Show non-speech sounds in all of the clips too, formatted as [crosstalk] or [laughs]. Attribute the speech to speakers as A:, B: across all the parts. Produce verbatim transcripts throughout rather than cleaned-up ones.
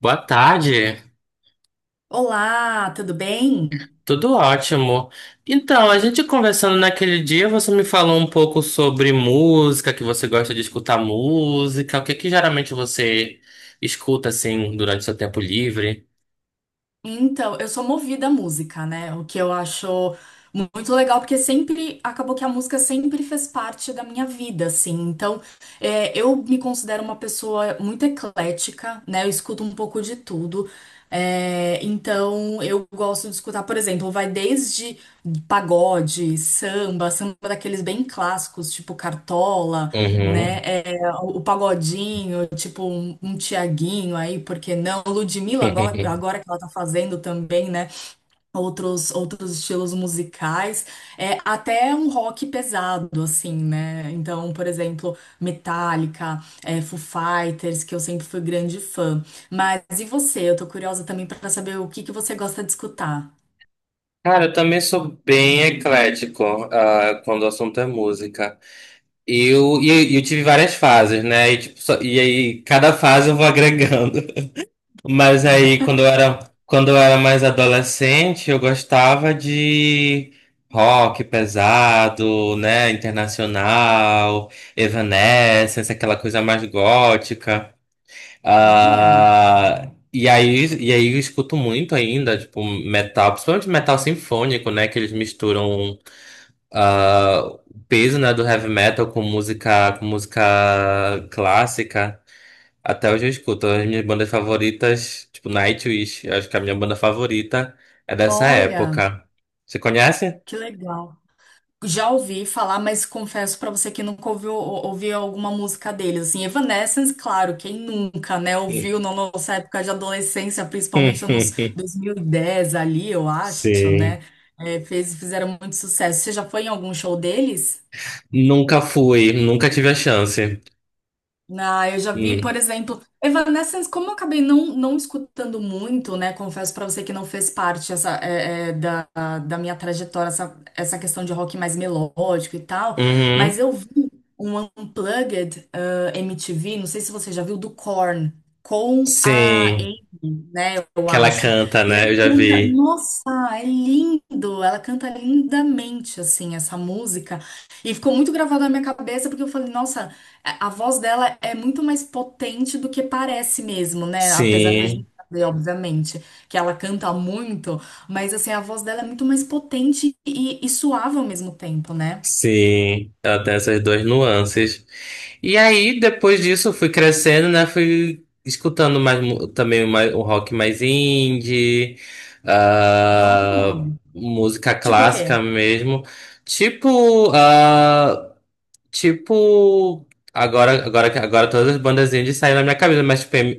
A: Boa tarde,
B: Olá, tudo bem?
A: tudo ótimo. Então, a gente conversando naquele dia, você me falou um pouco sobre música, que você gosta de escutar música, o que que geralmente você escuta assim durante seu tempo livre?
B: Então, eu sou movida à música, né? O que eu acho mu- muito legal, porque sempre acabou que a música sempre fez parte da minha vida, assim. Então, é, eu me considero uma pessoa muito eclética, né? Eu escuto um pouco de tudo. É, então, eu gosto de escutar, por exemplo, vai desde pagode, samba, samba daqueles bem clássicos, tipo Cartola, né?
A: Uhum.
B: É, o Pagodinho, tipo um, um Tiaguinho aí, por que não? Ludmilla, agora,
A: [laughs]
B: agora que ela tá fazendo também, né? Outros, outros estilos musicais, é, até um rock pesado, assim, né? Então, por exemplo, Metallica, é, Foo Fighters, que eu sempre fui grande fã. Mas e você? Eu tô curiosa também pra saber o que que você gosta de escutar.
A: Cara, eu também sou bem eclético, ah, quando o assunto é música. Eu, e eu e eu tive várias fases, né? E, tipo, só- e aí, cada fase eu vou agregando. Mas aí, quando eu era, quando eu era mais adolescente, eu gostava de rock pesado, né? Internacional, Evanescence, aquela coisa mais gótica.
B: Olha,
A: Ah, e aí, e aí eu escuto muito ainda, tipo, metal, principalmente metal sinfônico, né? Que eles misturam ah, o peso, né, do heavy metal com música, com música clássica. Até hoje eu escuto as minhas bandas favoritas, tipo Nightwish. Eu acho que é a minha banda favorita é dessa
B: olha,
A: época. Você conhece?
B: que legal. Já ouvi falar, mas confesso pra você que nunca ouviu, ouvi alguma música deles. Assim, Evanescence, claro, quem nunca, né, ouviu
A: Sim.
B: na nossa época de adolescência, principalmente nos
A: [laughs]
B: dois mil e dez ali, eu acho,
A: Sim.
B: né? é, fez, fizeram muito sucesso. Você já foi em algum show deles?
A: Nunca fui, nunca tive a chance.
B: Ah, eu já vi,
A: Hum.
B: por exemplo, Evanescence, como eu acabei não, não escutando muito, né? Confesso pra você que não fez parte essa, é, é, da, da minha trajetória, essa, essa questão de rock mais melódico e tal, mas
A: Uhum.
B: eu vi um Unplugged, ah, M T V, não sei se você já viu, do Korn, com a
A: Sim.
B: Amy, né? Eu
A: Que ela
B: acho.
A: canta,
B: E ela
A: né? Eu já
B: canta,
A: vi.
B: nossa, é lindo! Ela canta lindamente, assim, essa música. E ficou muito gravado na minha cabeça, porque eu falei, nossa. A a voz dela é muito mais potente do que parece mesmo, né? Apesar da
A: Sim.
B: gente saber, obviamente, que ela canta muito, mas assim, a voz dela é muito mais potente e, e suave ao mesmo tempo, né?
A: Sim, ela tem essas duas nuances. E aí, depois disso, eu fui crescendo, né? Fui escutando mais mu- também mais, um rock mais indie,
B: Oh,
A: ah, música
B: tipo o
A: clássica
B: quê?
A: mesmo. Tipo, ah, tipo, agora, agora, que- agora todas as bandas indies saíram na minha cabeça, mas tipo M-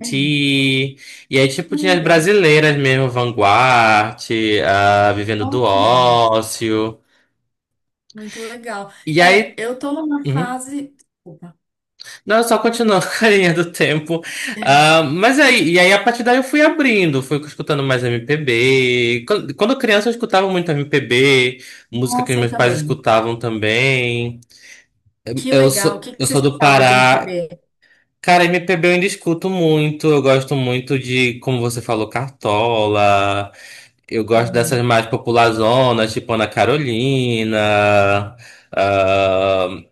B: Ah,
A: E aí, tipo, tinha as
B: legal.
A: brasileiras mesmo, Vanguard, ah, Vivendo do
B: Olha,
A: Ócio.
B: muito legal.
A: E
B: É,
A: aí.
B: eu tô numa
A: uhum.
B: fase. Desculpa.
A: Não, só continuou [laughs] com a linha [laughs] do tempo. Ah, mas aí, e aí a partir daí eu fui abrindo, fui escutando mais M P B. Quando, quando criança eu escutava muito M P B, música que
B: Nossa, eu
A: meus pais
B: também.
A: escutavam também.
B: Que
A: Eu
B: legal. O
A: sou,
B: que que
A: eu
B: você
A: sou do
B: escutava de
A: Pará.
B: M P B?
A: Cara, M P B eu ainda escuto muito. Eu gosto muito de, como você falou, Cartola. Eu gosto dessas
B: Uhum,
A: mais populazonas, tipo Ana Carolina, ah,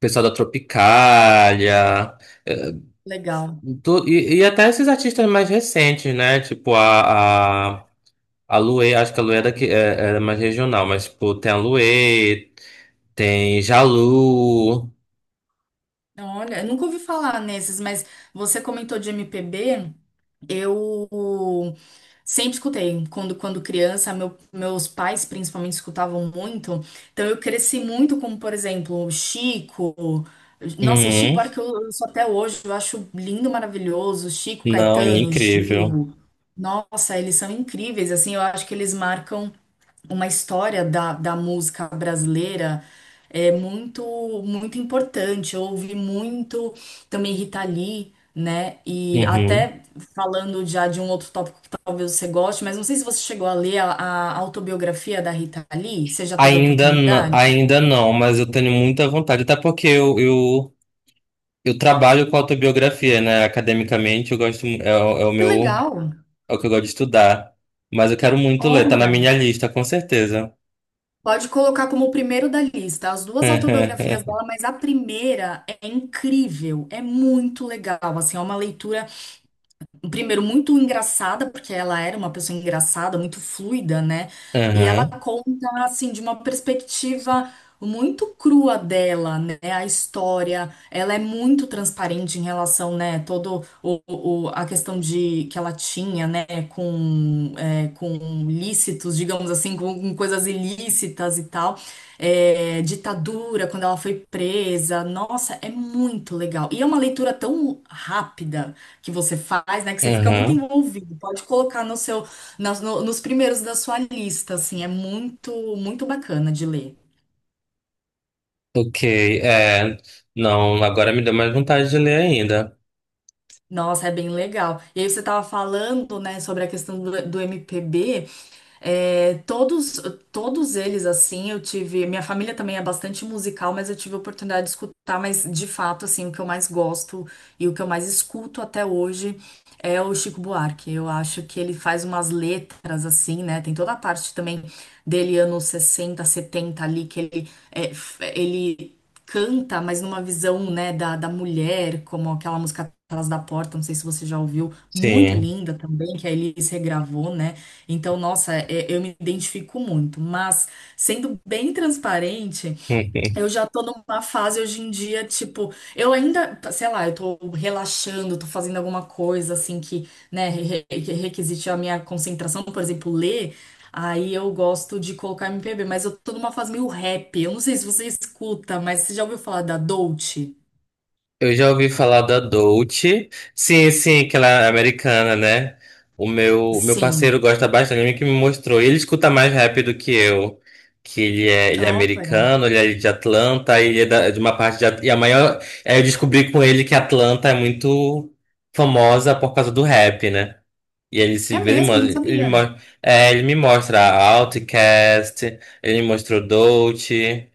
A: pessoal da Tropicália.
B: legal.
A: Do- e, e até esses artistas mais recentes, né? Tipo a, a, a Luê, acho que a Luê era, que, é, era mais regional, mas tipo, tem a Luê, tem Jalu.
B: Olha, eu nunca ouvi falar nesses, mas você comentou de M P B, eu sempre escutei. Quando, quando criança, meu- meus pais principalmente escutavam muito, então eu cresci muito com, por exemplo, Chico. Nossa, e Chico
A: Uhum.
B: Buarque eu, eu sou até hoje, eu acho lindo, maravilhoso. Chico,
A: Não, ele é
B: Caetano,
A: incrível.
B: Gil. Nossa, eles são incríveis, assim, eu acho que eles marcam uma história da, da música brasileira, é muito, muito importante. Eu ouvi muito também Rita Lee, né? E
A: Uhum.
B: até falando já de um outro tópico que talvez você goste, mas não sei se você chegou a ler a, a autobiografia da Rita Lee. Você já teve a
A: Ainda, n-
B: oportunidade?
A: ainda não, mas eu tenho muita vontade, até porque eu, eu, eu trabalho com autobiografia, né? Academicamente, eu gosto, mu- é, o- é o
B: Que
A: meu,
B: legal!
A: é o que eu gosto de estudar. Mas eu quero muito ler, tá na
B: Olha,
A: minha lista, com certeza.
B: pode colocar como o primeiro da lista as duas autobiografias
A: [laughs]
B: dela, mas a primeira é incrível, é muito legal. Assim, é uma leitura. Primeiro, muito engraçada, porque ela era uma pessoa engraçada, muito fluida, né? E ela
A: Aham,
B: conta, assim, de uma perspectiva muito crua dela, né? A história, ela é muito transparente em relação, né? Todo o, o- a questão de que ela tinha, né? Com, é, com lícitos, digamos assim, com, com coisas ilícitas e tal. É, ditadura, quando ela foi presa. Nossa, é muito legal. E é uma leitura tão rápida que você faz, né? Que você fica muito
A: aham.
B: envolvido. Pode colocar no seu, nas- no- nos primeiros da sua lista, assim, é muito, muito bacana de ler.
A: Ok, é. Não, agora me deu mais vontade de ler ainda.
B: Nossa, é bem legal. E aí você estava falando, né, sobre a questão do, do, M P B. É, todos, todos eles, assim, eu tive. Minha família também é bastante musical, mas eu tive a oportunidade de escutar. Mas, de fato, assim, o que eu mais gosto e o que eu mais escuto até hoje é o Chico Buarque. Eu acho que ele faz umas letras, assim, né? Tem toda a parte também dele, anos sessenta setenta ali, que ele, é, f- ele canta, mas numa visão, né, da, da mulher, como aquela música Atrás da Porta, não sei se você já ouviu, muito
A: Sim.
B: linda também, que a Elis regravou, né? Então, nossa, é- eu me identifico muito. Mas, sendo bem transparente, eu
A: [laughs]
B: já tô numa fase hoje em dia, tipo, eu ainda, sei lá, eu tô relaxando, tô fazendo alguma coisa assim que, né, re- re- requisite a minha concentração, por exemplo, ler, aí eu gosto de colocar M P B, mas eu tô numa fase meio rap. Eu não sei se você escuta, mas você já ouviu falar da Dolce?
A: Eu já ouvi falar da Dolce. Sim, sim, que ela é americana, né? O meu, o meu parceiro
B: Sim.
A: gosta bastante, ele que me mostrou. Ele escuta mais rap do que eu. Que ele é, ele é
B: Ó, que legal.
A: americano, ele é de Atlanta, ele é da- de uma parte de. At- E a maior. é, Eu descobri com ele que Atlanta é muito famosa por causa do rap, né? E ele
B: É
A: se vê, ele
B: mesmo, não
A: mostra, ele,
B: sabia.
A: mo- é, ele me mostra a Outcast, ele me mostrou Dolce.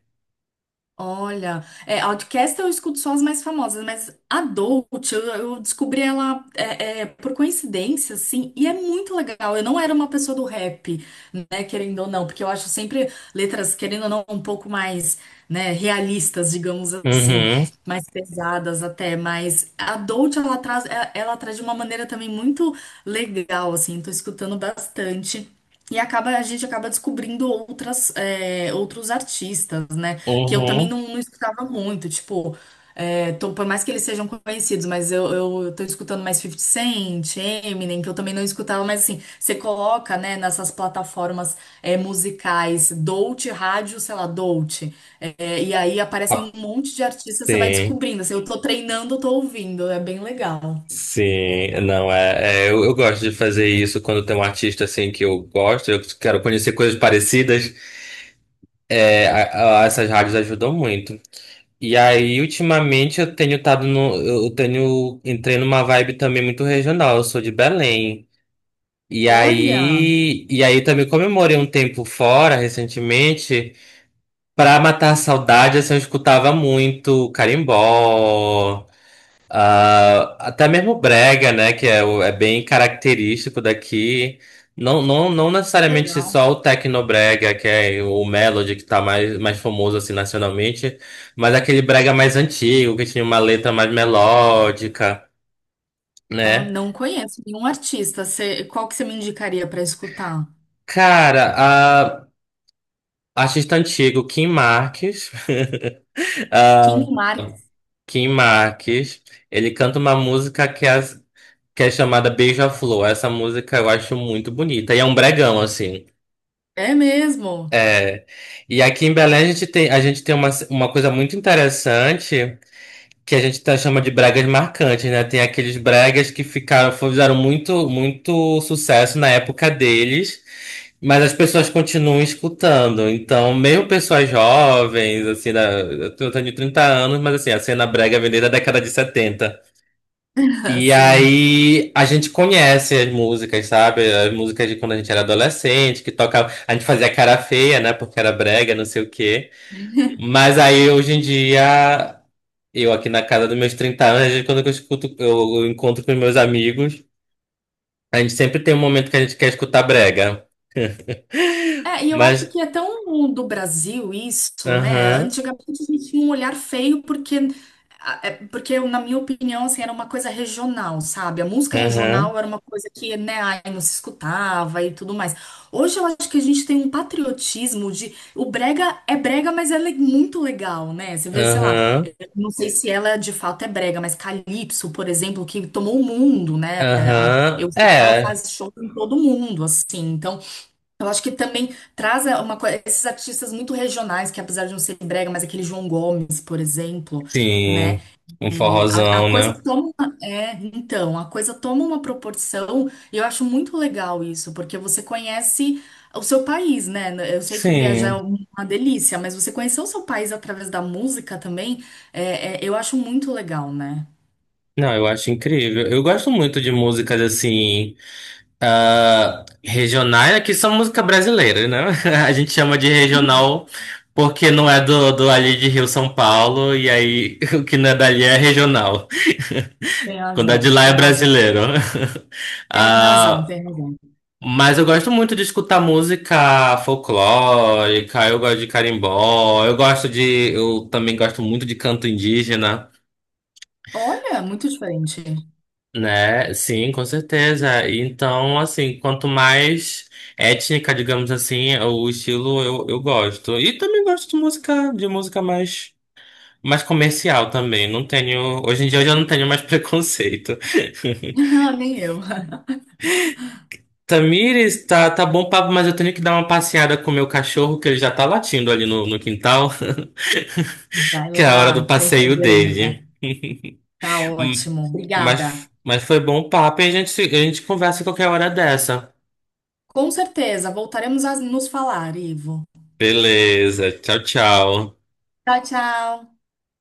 B: Olha, é, Outcast eu escuto só as mais famosas, mas Adult, eu, eu descobri ela é, é, por coincidência, assim, e é muito legal. Eu não era uma pessoa do rap, né, querendo ou não, porque eu acho sempre letras, querendo ou não, um pouco mais, né, realistas, digamos assim,
A: Uhum,
B: mais pesadas até, mas Adult, ela traz, é- ela traz de uma maneira também muito legal, assim, tô escutando bastante. E acaba, a gente acaba descobrindo outras, é, outros artistas, né? Que eu também
A: uhum.
B: não, não escutava muito, tipo, é, tô- por mais que eles sejam conhecidos, mas eu, eu tô escutando mais fifty Cent, Eminem, que eu também não escutava, mas assim, você coloca, né, nessas plataformas é, musicais, Dolce, rádio, sei lá, Dolce, é, e aí aparecem
A: Ah,
B: um monte de artistas, você vai
A: sim,
B: descobrindo, assim, eu tô treinando, eu tô ouvindo, é bem legal.
A: sim. Não, é, é, eu, eu gosto de fazer isso quando tem um artista assim que eu gosto, eu quero conhecer coisas parecidas. É, a- a- essas rádios ajudam muito. E aí, ultimamente, eu tenho estado no. Eu tenho. Entrei numa vibe também muito regional. Eu sou de Belém. E
B: Olha,
A: aí, e aí também comemorei um tempo fora recentemente. Pra matar a saudade, assim, eu escutava muito carimbó, ah, até mesmo brega, né? Que é, o- é bem característico daqui. Não, não, não necessariamente
B: legal.
A: só o tecnobrega, que é o Melody, que tá mais, mais famoso assim nacionalmente, mas aquele brega mais antigo, que tinha uma letra mais melódica,
B: Ó,
A: né?
B: não conheço nenhum artista. Você- qual que você me indicaria pra escutar?
A: Cara, Artista antigo, Kim Marques. [laughs]
B: King
A: Ah,
B: Mark,
A: Kim Marques. Ele canta uma música que é, que é chamada Beija-Flor. Essa música eu acho muito bonita. E é um bregão, assim.
B: é mesmo?
A: É. E aqui em Belém a gente tem, a gente tem uma, uma coisa muito interessante, que a gente tá, chama de bregas marcantes, né? Tem aqueles bregas que ficaram, fizeram muito, muito sucesso na época deles, mas as pessoas continuam escutando. Então, mesmo pessoas jovens, assim, da, eu tenho trinta anos, mas assim, a cena brega vem desde a década de setenta.
B: [laughs]
A: E
B: Assim.
A: aí a gente conhece as músicas, sabe? As músicas de quando a gente era adolescente, que tocava. A gente fazia cara feia, né? Porque era brega, não sei o quê. Mas aí hoje em dia eu aqui na casa dos meus trinta anos, às vezes, quando eu, escuto, eu, eu encontro com meus amigos, a gente sempre tem um momento que a gente quer escutar brega.
B: É, e eu acho
A: Mas,
B: que é tão do Brasil isso, né?
A: aham,
B: Antigamente a gente tinha um olhar feio porque, a- é, porque na minha opinião, assim, era uma coisa regional, sabe? A música
A: aham,
B: regional era uma coisa que, né, ai, não se escutava e tudo mais. Hoje eu acho que a gente tem um patriotismo de... O brega é brega, mas ela é muito legal, né? Você vê, sei lá,
A: aham,
B: não sei se ela de fato é brega, mas Calypso, por exemplo, que tomou o mundo, né? A-
A: aham,
B: Eu sei que ela
A: é,
B: faz show em todo mundo, assim, então... Eu acho que também traz é, uma coisa, esses artistas muito regionais, que apesar de não ser brega, mas aquele João Gomes, por exemplo, né?
A: sim, um
B: É, a, a
A: forrozão,
B: coisa
A: né?
B: toma, uma- é, então, a coisa toma uma proporção, e eu acho muito legal isso, porque você conhece o seu país, né? Eu sei que viajar é
A: Sim,
B: uma delícia, mas você conhecer o seu país através da música também, é, é, eu acho muito legal, né?
A: não, eu acho incrível. Eu gosto muito de músicas assim, ah, regionais, que são música brasileira, né? [laughs] A gente chama de regional porque não é do, do ali de Rio São Paulo, e aí [laughs] o que não é dali é regional.
B: Tem
A: Quando é de
B: razão,
A: lá é
B: tem razão.
A: brasileiro. [laughs]
B: Tem razão,
A: Ah,
B: tem razão.
A: mas eu gosto muito de escutar música folclórica, eu gosto de carimbó, eu gosto de. Eu também gosto muito de canto indígena,
B: Olha, muito diferente.
A: né? Sim, com certeza. Então, assim, quanto mais étnica, digamos assim, o estilo eu, eu gosto. E também gosto de música, de música mais, mais comercial também. Não tenho. Hoje em dia eu já não tenho mais [laughs] preconceito.
B: [laughs] Nem eu.
A: Tamires, tá, tá bom papo, mas eu tenho que dar uma passeada com o meu cachorro, que ele já tá latindo ali no, no quintal, [laughs]
B: Vai
A: que é a hora do
B: lá, sem
A: passeio
B: problema.
A: dele. [laughs]
B: Tá
A: Hum,
B: ótimo,
A: Mas,
B: obrigada.
A: mas foi bom papo e a gente, se- a gente conversa qualquer hora dessa.
B: Com certeza, voltaremos a nos falar, Ivo.
A: Beleza, tchau, tchau.
B: Tchau, tchau.